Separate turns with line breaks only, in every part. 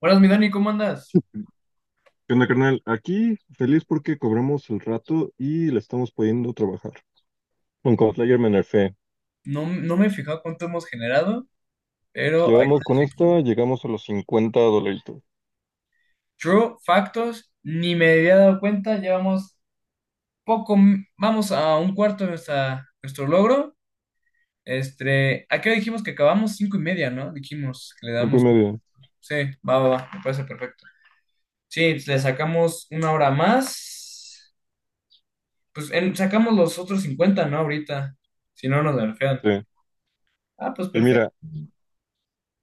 Buenas, mi Dani, ¿cómo andas?
¿Qué onda, carnal? Aquí feliz porque cobramos el rato y le estamos pudiendo trabajar. Con Cosplayer me nerfé.
No, no me he fijado cuánto hemos generado, pero ahí
Llevamos con
está.
esta, llegamos a los 50 dolaritos.
True, factos, ni me había dado cuenta, llevamos poco, vamos a un cuarto de nuestro logro. ¿A qué hora dijimos que acabamos? 5:30, ¿no? Dijimos que le
Cinco y
damos.
medio.
Sí, va, va, va, me parece perfecto. Sí, le sacamos una hora más. Pues sacamos los otros 50, ¿no? Ahorita, si no nos nerfean.
Sí.
Ah, pues
Y
perfecto.
mira,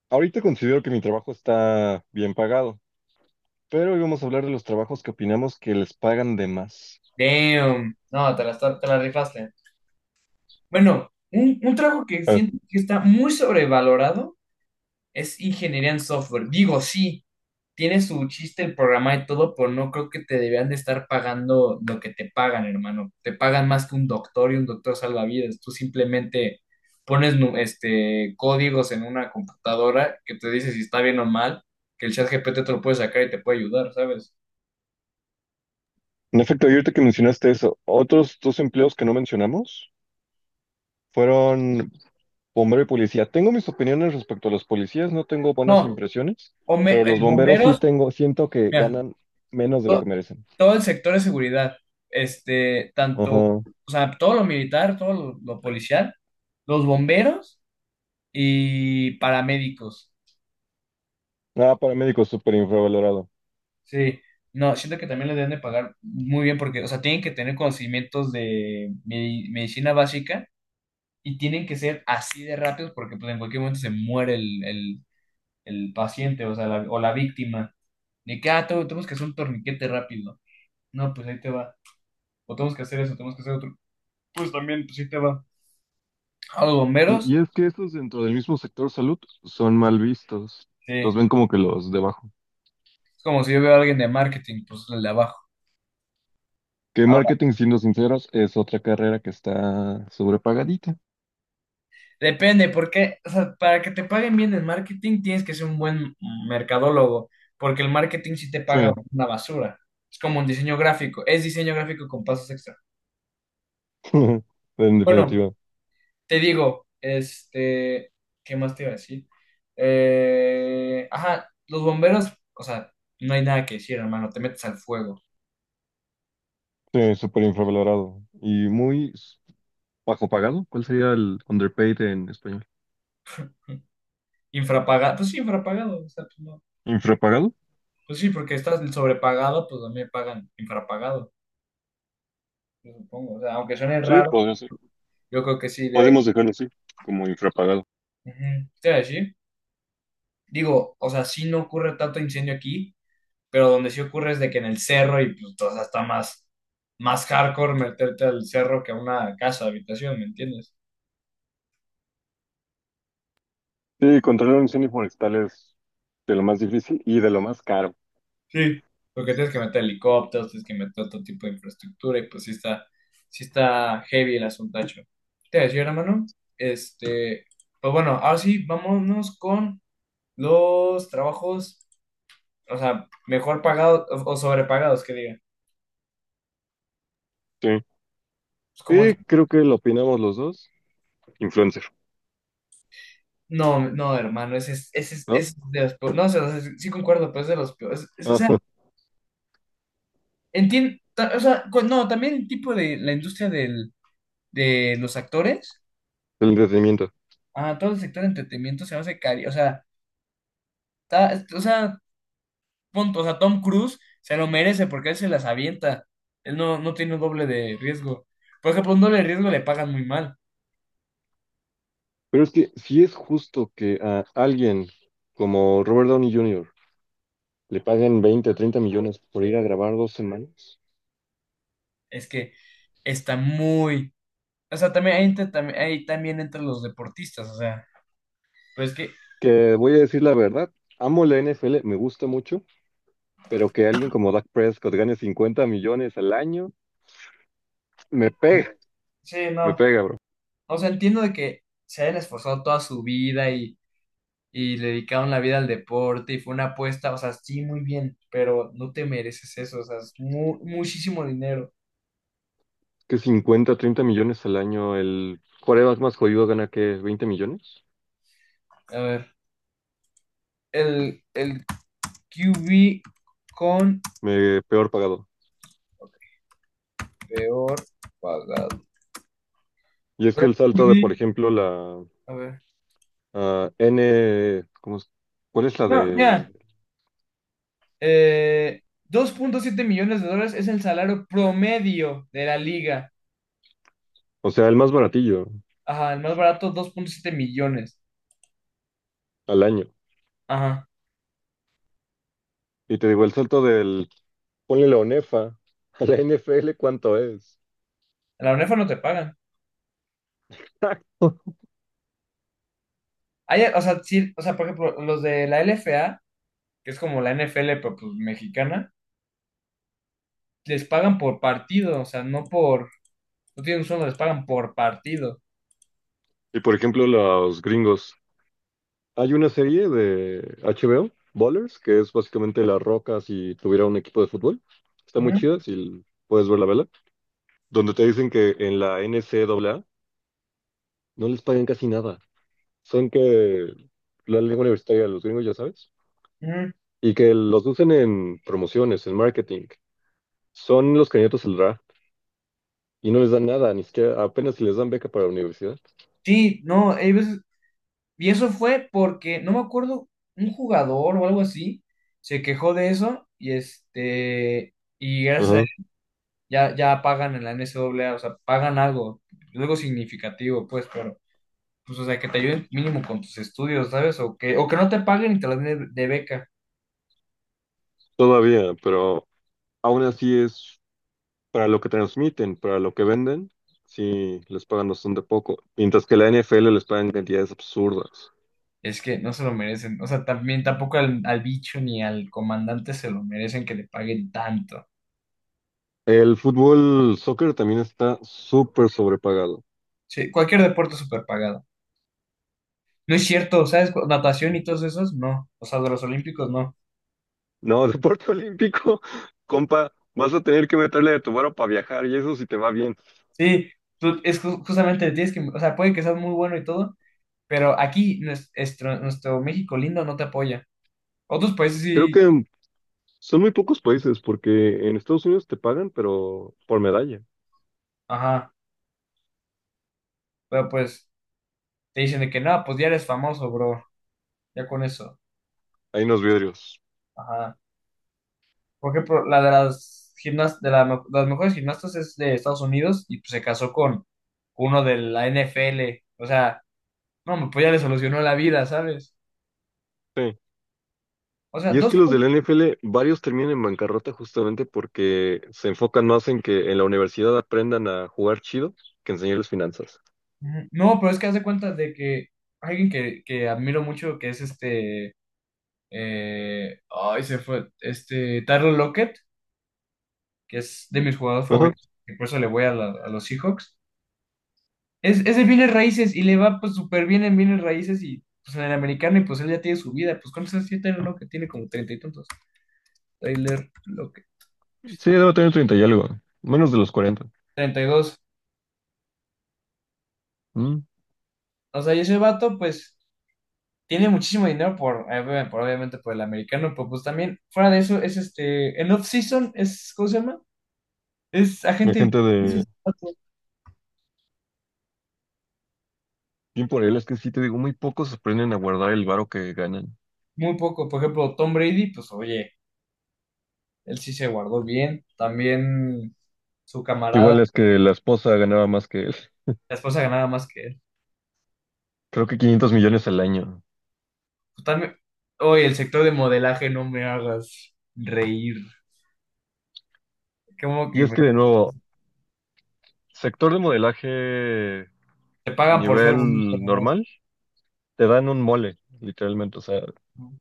ahorita considero que mi trabajo está bien pagado, pero hoy vamos a hablar de los trabajos que opinamos que les pagan de más.
Damn, no, te la rifaste. Bueno, un trabajo que
Ah,
siento que está muy sobrevalorado es ingeniería en software. Digo, sí, tiene su chiste el programa y todo, pero no creo que te deberían de estar pagando lo que te pagan, hermano. Te pagan más que un doctor y un doctor salva vidas. Tú simplemente pones códigos en una computadora que te dice si está bien o mal, que el chat G P T te lo puede sacar y te puede ayudar, ¿sabes?
en efecto, y ahorita que mencionaste eso, otros dos empleos que no mencionamos fueron bombero y policía. Tengo mis opiniones respecto a los policías, no tengo buenas
No,
impresiones, pero los bomberos sí
bomberos,
tengo, siento que
mira.
ganan menos de lo que merecen.
Todo el sector de seguridad, tanto, o
Ajá.
sea, todo lo militar, todo lo policial, los bomberos y paramédicos.
Ah, paramédico súper infravalorado.
Sí, no, siento que también les deben de pagar muy bien porque, o sea, tienen que tener conocimientos de medicina básica y tienen que ser así de rápidos porque pues en cualquier momento se muere el paciente, o sea, o la víctima. De que, ah, tenemos que hacer un torniquete rápido. No, pues ahí te va. O tenemos que hacer eso, tenemos que hacer otro. Pues también, pues ahí te va. A los
Sí,
bomberos,
y es que estos dentro del mismo sector salud son mal vistos.
sí.
Los
Es
ven como que los debajo.
como si yo veo a alguien de marketing, pues el de abajo.
Que
Ahora,
marketing, siendo sinceros, es otra carrera que está sobrepagadita.
depende, porque, o sea, para que te paguen bien en marketing tienes que ser un buen mercadólogo, porque el marketing sí te
Sí,
paga una basura. Es como un diseño gráfico, es diseño gráfico con pasos extra.
en
Bueno,
definitiva.
te digo, ¿qué más te iba a decir? Ajá, los bomberos, o sea, no hay nada que decir, hermano, te metes al fuego.
Sí, súper infravalorado. Y muy bajo pagado. ¿Cuál sería el underpaid en español?
Infrapagado, pues sí, infrapagado, o sea, pues, no.
¿Infrapagado?
Pues sí, porque estás sobrepagado, pues también pagan infrapagado, yo supongo. O sea, aunque suene
Sí,
raro,
podría ser.
yo creo que sí debe.
Podemos dejarlo así, como infrapagado.
Ujú. Te iba a decir, digo, o sea, sí no ocurre tanto incendio aquí, pero donde sí ocurre es de que en el cerro y pues o sea, está más, más hardcore meterte al cerro que a una casa, habitación, ¿me entiendes?
Sí, controlar un incendio forestal es de lo más difícil y de lo más caro.
Sí. Porque tienes que meter helicópteros, tienes que meter otro tipo de infraestructura y pues sí está heavy el asuntacho. Te iba a decir, hermano, este, pues bueno, ahora sí, vámonos con los trabajos, o sea, mejor pagados o sobrepagados, que diga.
Sí.
Es como, que,
Y creo que lo opinamos los dos. Influencer,
no, no, hermano, ese es, ese es,
¿no?
ese es de los peores. No, o sea, sí sí concuerdo, pero es de los peores. O sea,
Ajá,
entiendo, o sea, no, también el tipo de la industria de los actores,
el entretenimiento.
ah, todo el sector de entretenimiento se me hace cari, o sea, o sea, punto, o sea, Tom Cruise se lo merece porque él se las avienta. Él no, no tiene un doble de riesgo. Por ejemplo, un doble de riesgo le pagan muy mal.
Pero es que si es justo que a alguien como Robert Downey Jr. le paguen 20 o 30 millones por ir a grabar 2 semanas,
Es que está muy, o sea, también ahí, también entre los deportistas, o sea, pues que,
que voy a decir la verdad, amo la NFL, me gusta mucho, pero que alguien como Dak Prescott gane 50 millones al año, me
eh,
pega,
sí,
me
no,
pega, bro.
o sea, entiendo de que se hayan esforzado toda su vida y le dedicaron la vida al deporte y fue una apuesta, o sea, sí, muy bien, pero no te mereces eso, o sea, es muchísimo dinero.
Que 50, 30 millones al año, el quarterback más jodido gana que 20 millones,
A ver, el Q B con
peor pagado.
peor pagado.
Y es que el salto de, por
Brady,
ejemplo, la
a ver,
¿cómo es? ¿Cuál es la
no,
de?
ya, 2,7 millones de dólares es el salario promedio de la liga.
O sea, el más baratillo
Ajá, el más barato, 2,7 millones.
al año.
Ajá.
Y te digo, el salto del, ponle la ONEFA a la NFL, ¿cuánto es?
En la UNEFA no te pagan.
Exacto.
Hay, o sea, sí, o sea, por ejemplo, los de la LFA que es como la NFL pero pues mexicana, les pagan por partido, o sea, no por, no tienen un sueldo, les pagan por partido.
Y por ejemplo, los gringos. Hay una serie de HBO, Ballers, que es básicamente La Roca si tuviera un equipo de fútbol. Está muy
Ujú,
chida, si puedes ver la vela. Donde te dicen que en la N C NCAA no les pagan casi nada. Son que la lengua universitaria de los gringos, ya sabes,
ujú.
y que los usen en promociones, en marketing. Son los candidatos al draft y no les dan nada, ni siquiera apenas si les dan beca para la universidad.
Sí, no, hay veces, y eso fue porque, no me acuerdo, un jugador o algo así, se quejó de eso, y y gracias a
Ajá.
él, ya, ya pagan en la NCAA, o sea, pagan algo, algo significativo, pues, pero. Pues, o sea, que te ayuden mínimo con tus estudios, ¿sabes? O que no te paguen y te las den de beca.
Todavía, pero aún así es para lo que transmiten, para lo que venden, sí les pagan bastante poco, mientras que la N F L les pagan cantidades absurdas.
Es que no se lo merecen. O sea, también tampoco al bicho ni al comandante se lo merecen que le paguen tanto.
El fútbol, soccer también está súper sobrepagado.
Sí, cualquier deporte es súper pagado. No es cierto, ¿sabes? Natación y todos esos, no. O sea, de los olímpicos, no.
No, deporte olímpico, compa, vas a tener que meterle de tu varo para viajar y eso si te va bien.
Sí, es justamente tienes que, o sea, puede que seas muy bueno y todo, pero aquí nuestro México lindo no te apoya. Otros países
Creo
sí,
que son muy pocos países porque en Estados Unidos te pagan, pero por medalla.
ajá, pero pues te dicen de que no, pues ya eres famoso, bro, ya con eso.
Hay unos vidrios.
Ajá. Porque por- la de las gimnas, de la me- las mejores gimnastas es de Estados Unidos y pues, se casó con uno de la NFL. O sea, no, pues ya le solucionó la vida, ¿sabes?
Sí.
O sea,
Y es
dos
que los de
cosas.
la NFL, varios terminan en bancarrota justamente porque se enfocan más en que en la universidad aprendan a jugar chido que enseñarles finanzas.
Ujú. No, pero es que haz de cuenta de que alguien que admiro mucho, que es este. Ay, se fue. Tyler Lockett, que es de mis jugadores
Ajá.
favoritos, y por eso le voy a los Seahawks. Es de bienes raíces y le va pues súper bien en bienes raíces y pues en el americano y pues él ya tiene su vida. Pues ¿cuántos años tiene lo que tiene como treinta y tantos? Tyler Lockett.
Sí, debo tener treinta y algo, menos de los 40.
32.
Mm.
O sea, y ese vato pues tiene muchísimo dinero por, obviamente por el americano, pero pues también fuera de eso es en off-season es, ¿cómo se llama? Es
Hay
agente libre,
gente
es
de...
ese vato.
Bien por él, es que sí te digo, muy pocos aprenden a guardar el varo que ganan.
Muy poco. Por ejemplo, Tom Brady, pues oye, él sí se guardó bien. También su camarada,
Igual es que la esposa ganaba más que él.
la esposa ganaba más que él.
Creo que 500 millones al año.
Totalmente. Oye, el sector de modelaje no me hagas reír. Como
Y
que
es que, de nuevo, sector de modelaje
te pagan por ser bonito
nivel
nomás.
normal, te dan un mole, literalmente. O sea,
¿No?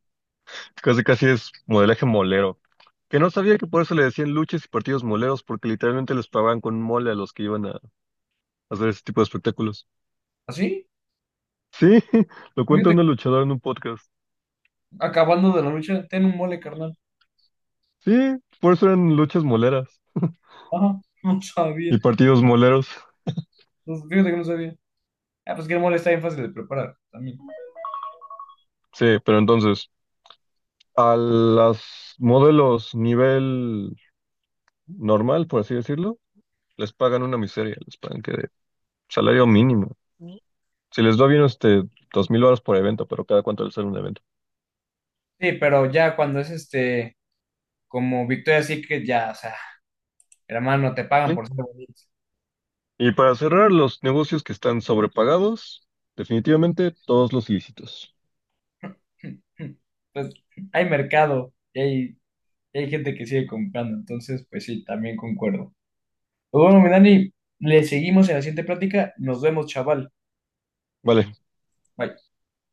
casi casi es modelaje molero. Que no sabía que por eso le decían luchas y partidos moleros, porque literalmente les pagaban con mole a los que iban a hacer ese tipo de espectáculos.
¿Así?
Sí, lo cuenta
Fíjate,
una luchadora en un podcast.
acabando de la lucha, ten un mole, carnal.
Sí, por eso eran luchas moleras
Ajá, no sabía.
y partidos moleros.
No, fíjate que no sabía. Ah, pues que el mole está bien fácil de preparar también.
Sí, pero entonces. A los modelos nivel normal, por así decirlo, les pagan una miseria, les pagan que de salario mínimo. Si les va bien, este, 2,000 dólares por evento, pero cada cuánto les sale un evento.
Sí, pero ya cuando es como Victoria Secret, ya, o sea, hermano, te pagan
¿Sí?
por ser bonito.
Y para cerrar, los negocios que están sobrepagados, definitivamente todos los ilícitos.
Pues hay mercado y hay, gente que sigue comprando, entonces, pues sí, también concuerdo. Pues bueno, mi Dani, le seguimos en la siguiente plática. Nos vemos, chaval.
Vale,
Bye.